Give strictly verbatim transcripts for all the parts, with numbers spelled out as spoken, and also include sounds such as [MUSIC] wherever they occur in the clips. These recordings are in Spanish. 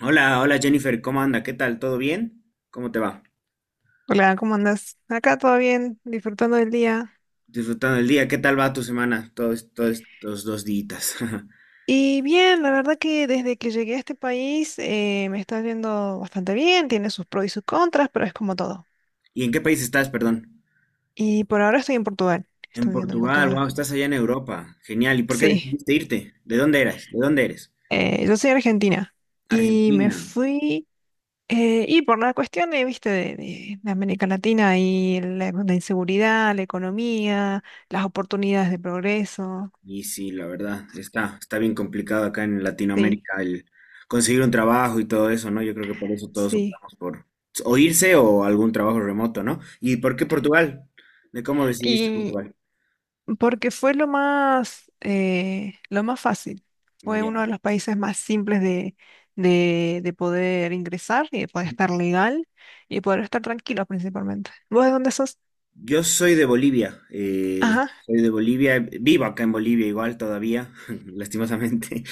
Hola, hola Jennifer, ¿cómo anda? ¿Qué tal? ¿Todo bien? ¿Cómo te va? Hola, ¿cómo andas? Acá todo bien, disfrutando del día. Disfrutando el día, ¿qué tal va tu semana? Todos, todos estos dos días. [LAUGHS] Y bien, la verdad que desde que llegué a este país eh, me está yendo bastante bien, tiene sus pros y sus contras, pero es como todo. ¿Y en qué país estás, perdón? Y por ahora estoy en Portugal, En estudiando en Portugal, Portugal. wow, estás allá en Europa. Genial. ¿Y por qué Sí, decidiste irte? ¿De dónde eres? ¿De dónde eres? eh, yo soy argentina y me Argentina. fui, eh, y por la cuestión, eh, viste, de, de- de América Latina y la, la inseguridad, la economía, las oportunidades de progreso. Y sí, la verdad, está, está bien complicado acá en Sí, Latinoamérica el conseguir un trabajo y todo eso, ¿no? Yo creo que por eso todos sí. optamos por o irse o algún trabajo remoto, ¿no? ¿Y por qué Portugal? ¿De cómo decidiste Y Portugal? porque fue lo más, eh, lo más fácil. Fue uno Ya. de los países más simples de, de, de poder ingresar y de poder estar legal y poder estar tranquilo principalmente. ¿Vos de dónde sos? Yo soy de Bolivia, eh, Ajá. soy de Bolivia, vivo acá en Bolivia igual todavía, [LAUGHS] lastimosamente,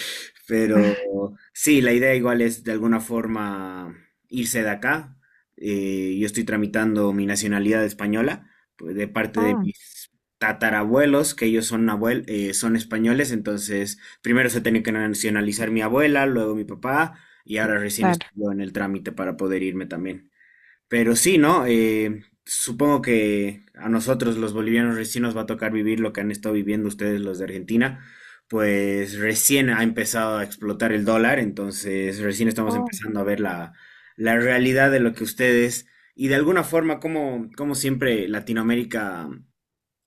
pero [LAUGHS] sí, la idea igual es de alguna forma irse de acá. Eh, yo estoy tramitando mi nacionalidad española pues, de parte de Oh, mis tatarabuelos, que ellos son, abuel eh, son españoles, entonces primero se tenía que nacionalizar mi abuela, luego mi papá, y ahora recién claro. estoy yo en el trámite para poder irme también. Pero sí, ¿no? Eh, supongo que a nosotros los bolivianos recién nos va a tocar vivir lo que han estado viviendo ustedes los de Argentina, pues recién ha empezado a explotar el dólar, entonces recién estamos Oh. empezando a ver la, la realidad de lo que ustedes y de alguna forma como, como siempre Latinoamérica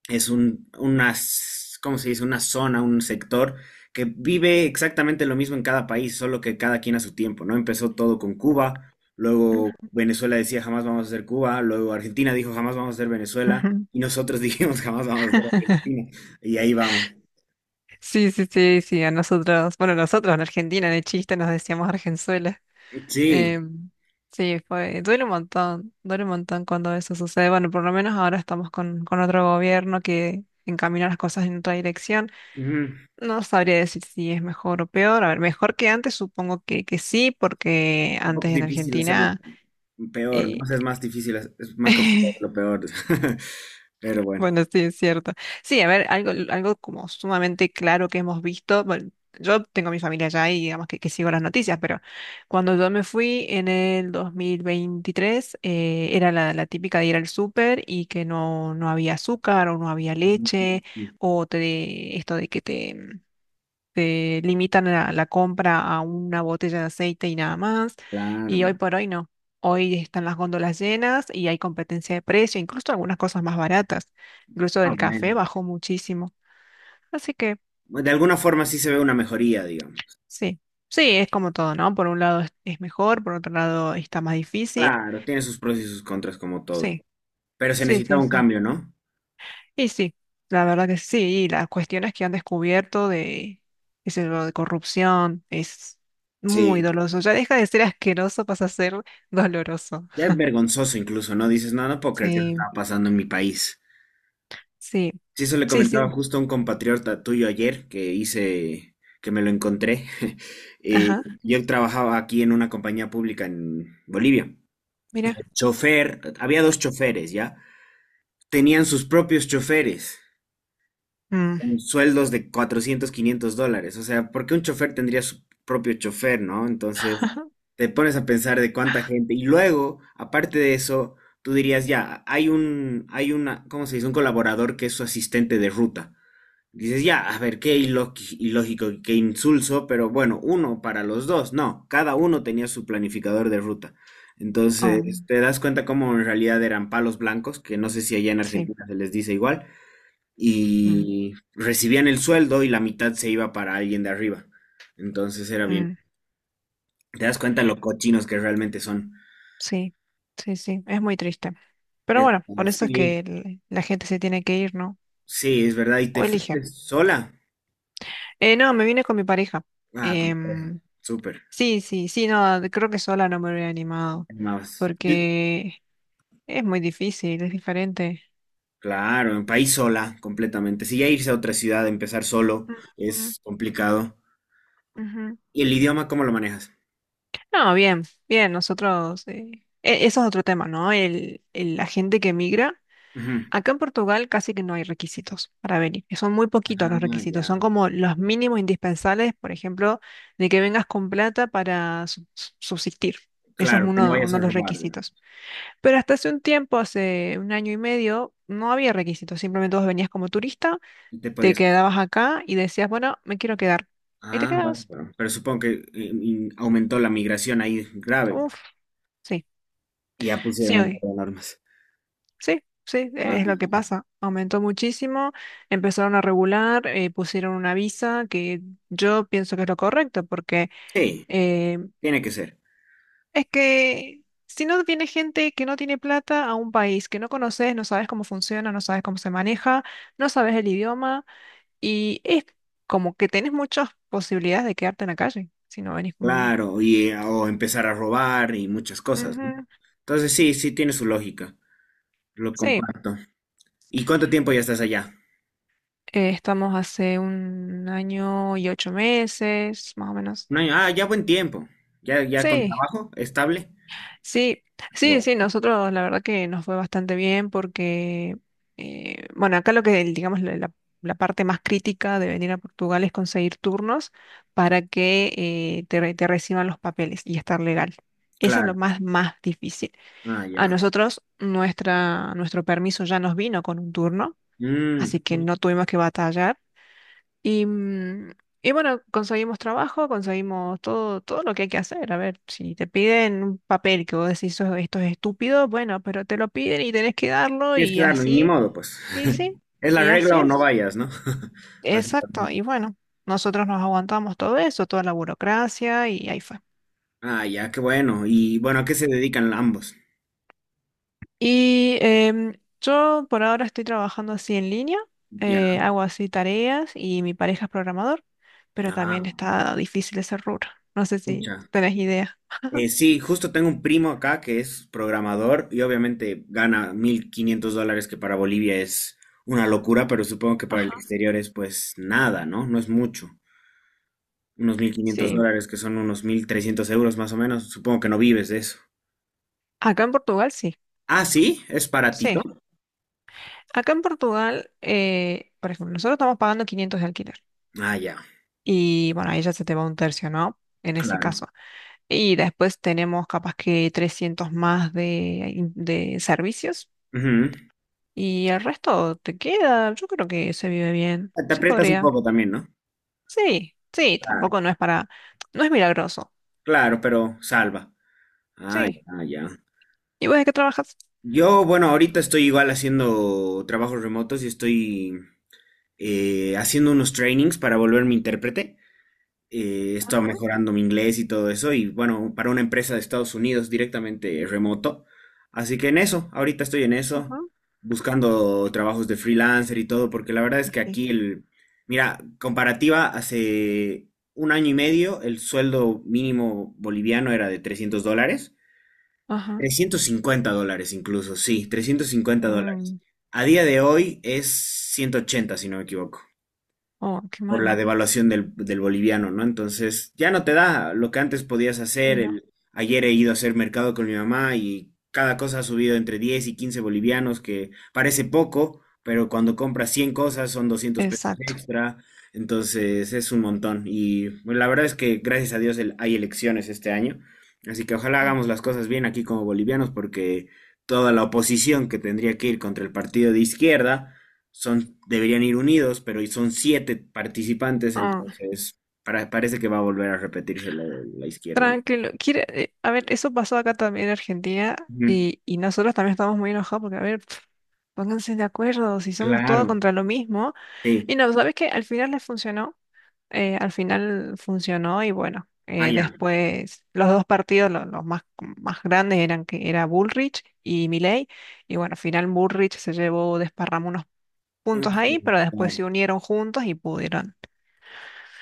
es un, una, s- ¿cómo se dice? Una zona, un sector que vive exactamente lo mismo en cada país, solo que cada quien a su tiempo, ¿no? Empezó todo con Cuba, luego Mm, Venezuela decía jamás vamos a ser Cuba, luego Argentina dijo jamás vamos a ser Venezuela, ujú. y nosotros [LAUGHS] dijimos jamás vamos a ser [LAUGHS] Argentina, y ahí vamos. Sí, sí, sí, sí, a nosotros, bueno, nosotros en Argentina, de chiste nos decíamos Argenzuela. Sí, Em, sí, fue, duele un montón, duele un montón cuando eso sucede. Bueno, por lo menos ahora estamos con, con otro gobierno que encamina las cosas en otra dirección. ujú, No sabría decir si es mejor o peor. A ver, mejor que antes, supongo que, que sí, porque un poco antes en difícil hacerlo Argentina peor, ¿no? O eh, sea, es más difícil, es es más complicado lo [LAUGHS] peor, [LAUGHS] pero bueno. Bueno, sí, es cierto. Sí, a ver, algo, algo como sumamente claro que hemos visto. Bueno, yo tengo mi familia allá y digamos que, que sigo las noticias, pero cuando yo me fui en el dos mil veintitrés, eh, era la, la típica de ir al súper y que no, no había azúcar o no había leche, o te, esto de que te te limitan la, la compra a una botella de aceite y nada más. Y Claro. hoy por hoy no. Hoy están las góndolas llenas y hay competencia de precio, incluso algunas cosas más baratas. Incluso Ah, el café bueno. bajó muchísimo. Así que De alguna forma sí se ve una mejoría, digamos. sí, sí, es como todo, ¿no? Por un lado es, es mejor, por otro lado está más difícil. Claro, tiene sus pros y sus contras como todo. Sí, Pero se sí, necesitaba sí, un sí. cambio, ¿no? Y sí, la verdad que sí, y las cuestiones que han descubierto de, qué sé yo, de corrupción es muy Sí, doloroso. Ya deja de ser asqueroso, pasa a ser [LAUGHS] doloroso. ya es vergonzoso incluso, ¿no? Dices, no, no puedo creer que esto Sí, está pasando en mi país. sí, Sí, eso le sí, comentaba sí. justo a un compatriota tuyo ayer que hice, que me lo encontré. [LAUGHS] Eh, Ajá, yo trabajaba aquí en una compañía pública en Bolivia. mira. Chofer, había dos choferes, ¿ya? Tenían sus propios choferes. Mm, Con sueldos de cuatrocientos, quinientos dólares. O sea, ¿por qué un chofer tendría su propio chofer, no? [LAUGHS] Entonces, ajá, te pones a pensar de cuánta gente. Y luego, aparte de eso, tú dirías, ya, hay un, hay una, ¿cómo se dice? Un colaborador que es su asistente de ruta. Dices, ya, a ver, qué ilo- ilógico, qué insulso, pero bueno, uno para los dos. No, cada uno tenía su planificador de ruta. oh, Entonces, te das cuenta cómo en realidad eran palos blancos, que no sé si allá en sí, Argentina se les dice igual, mm, y recibían el sueldo y la mitad se iba para alguien de arriba. Entonces era bien. mm, Te das cuenta lo cochinos que realmente son. sí, sí, sí, es muy triste. Pero Es- bueno, por eso es sí, que el- la gente se tiene que ir, ¿no? sí, es verdad. ¿Y O te elige. fuiste sola? Eh, no, me vine con mi pareja. Ah, con tu pareja. Em, Súper. Sí, sí, sí, no, creo que sola no me hubiera Te animado, animabas. Sí. porque es muy difícil, es diferente. Claro, en país sola, completamente. Si ya irse a otra ciudad, empezar solo, Ujú, es complicado. ujú. ¿Y el idioma cómo lo manejas? No, bien, bien, nosotros, eh, e- eso es otro tema, ¿no? El, el- la gente que migra, Ujú. acá en Portugal casi que no hay requisitos para venir, que son muy poquitos los Ah, requisitos, son ya. como los mínimos indispensables, por ejemplo, de que vengas con plata para su- su- subsistir. Eso es Claro, que no uno, vayas uno a de los robar, requisitos. digamos. Pero hasta hace un tiempo, hace un año y medio, no había requisitos. Simplemente vos venías como turista, Y te te podías. quedabas acá y decías, bueno, me quiero quedar. Y te Ah, bueno. quedabas. Bueno, pero supongo que eh, mm, aumentó la migración ahí grave. Pues, Uf, sí, y ya pusieron sí, un par hoy. de alarmas. Sí, sí, Ah, es lo que pasa. Aumentó muchísimo, empezaron a regular, eh, pusieron una visa que yo pienso que es lo correcto, porque sí, eh, tiene que ser. es que si no viene gente que no tiene plata a un país que no conoces, no sabes cómo funciona, no sabes cómo se maneja, no sabes el idioma. Y es como que tenés muchas posibilidades de quedarte en la calle si no venís con... Claro, y eh, o empezar a robar y muchas cosas, ¿no? Ujú. Entonces sí, sí tiene su lógica. Lo Sí, comparto. ¿Y cuánto tiempo ya estás allá? eh, estamos hace un año y ocho meses, más o menos. Un año. Ah, ya buen tiempo. Ya, ya con Sí, trabajo estable. sí, sí, Bueno, sí, nosotros la verdad que nos fue bastante bien porque, eh, bueno, acá lo que, el- digamos, la, la- la parte más crítica de venir a Portugal es conseguir turnos para que eh, te, re- te reciban los papeles y estar legal. Eso es claro. lo más, más difícil. Ah, A ya. nosotros, nuestra, nuestro permiso ya nos vino con un turno, Mm, así que no tuvimos que batallar. Y, mm, y bueno, conseguimos trabajo, conseguimos todo, todo lo que hay que hacer. A ver, si te piden un papel que vos decís: "Eso- esto es estúpido". Bueno, pero te lo piden y tenés que darlo Tienes que y darlo, y ni así. modo, pues. Y sí, [LAUGHS] Es la y regla así o no es. vayas, ¿no? [LAUGHS] Así. Exacto. Y bueno, nosotros nos aguantamos todo eso, toda la burocracia y ahí fue. Ah, ya, qué bueno. Y bueno, ¿a qué se dedican ambos? Y em, yo por ahora estoy trabajando así en línea, eh, Ya. hago así tareas y mi pareja es programador, pero Ah, también está difícil ese rubro. No sé pucha. si tenés idea. Eh, sí, justo tengo un primo acá que es programador y obviamente gana mil quinientos dólares, que para Bolivia es una locura, pero supongo que para el Ajá. exterior es pues nada, ¿no? No es mucho. Unos mil quinientos Sí, dólares, que son unos mil trescientos euros más o menos. Supongo que no vives de eso. acá en Portugal sí, Ah, sí, es baratito. sí. Acá en Portugal, eh, por ejemplo, nosotros estamos pagando quinientos de alquiler Ah, ya, y bueno, ahí ya se te va un tercio, ¿no? En ese claro. caso. Y después tenemos capaz que trescientos más de, de servicios. Ujú. Y el resto te queda, yo creo que se vive bien. Te Sí aprietas un podría. poco también, ¿no? Sí, sí, Claro, tampoco no es para, no es milagroso. claro, pero salva. Ah, Sí. ya, ya. ¿Y vos de qué trabajas? Yo, bueno, ahorita estoy igual haciendo trabajos remotos y estoy eh, haciendo unos trainings para volverme intérprete. Eh, estoy Ajá, mejorando mi inglés y todo eso. Y bueno, para una empresa de Estados Unidos directamente remoto. Así que en eso, ahorita estoy en eso, ajá. buscando trabajos de freelancer y todo, porque la verdad es Y que sí, aquí el, mira, comparativa, hace un año y medio el sueldo mínimo boliviano era de trescientos dólares. ajá. Trescientos cincuenta dólares incluso, sí, trescientos cincuenta dólares. Mm, A día de hoy es ciento ochenta si no me equivoco oh, qué por la mal. devaluación del, del boliviano, ¿no? Entonces, ya no te da lo que antes podías hacer. Sí, no. El, ayer he ido a hacer mercado con mi mamá y cada cosa ha subido entre diez y quince bolivianos, que parece poco, pero cuando compras cien cosas son doscientos pesos Exacto. extra. Entonces, es un montón. Y bueno, la verdad es que, gracias a Dios, el- hay elecciones este año. Así que ojalá hagamos las cosas bien aquí como bolivianos, porque toda la oposición que tendría que ir contra el partido de izquierda son, deberían ir unidos, pero son siete participantes, Ah, entonces para- parece que va a volver a repetirse lo de la izquierda, ¿no? tranquilo. Quiere, eh, a ver, eso pasó acá también en Argentina Ujú, y, y nosotros también estamos muy enojados porque, a ver, pf, pónganse de acuerdo si somos todos claro, contra lo mismo. sí, Y no, ¿sabes qué? Al final les funcionó. Eh, al final funcionó y bueno, ah, eh, ya. después los dos partidos, lo- los más, más grandes eran que era Bullrich y Milei y bueno, al final Bullrich se llevó desparrama unos Ujú, puntos ahí, pero después claro. se unieron juntos y pudieron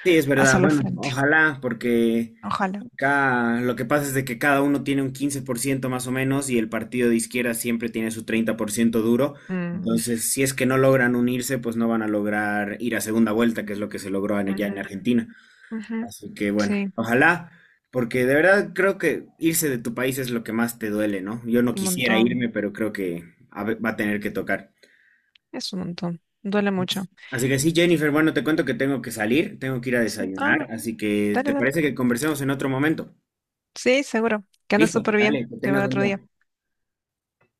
Sí, es verdad, hacerlo al bueno, frente. ojalá, porque Ojalá. acá lo que pasa es de que cada uno tiene un quince por ciento más o menos y el partido de izquierda siempre tiene su treinta por ciento duro, Mm, entonces si es que no logran unirse, pues no van a lograr ir a segunda vuelta, que es ujú, lo que se logró en- ya ujú, en Argentina. ujú. Así que bueno, Sí, ojalá, porque de verdad creo que irse de tu país es lo que más te duele, ¿no? Yo no un quisiera montón, irme, pero creo que a ve- va a tener que tocar. es un montón, duele mucho. Así que sí, Jennifer, bueno, te cuento que tengo que salir, tengo que ir a Sí, desayunar, ah, así que ¿te dale, dale. parece que conversemos en otro momento? Sí, seguro, que anda Listo, súper bien, dale, que te tengas veo buen otro día. día.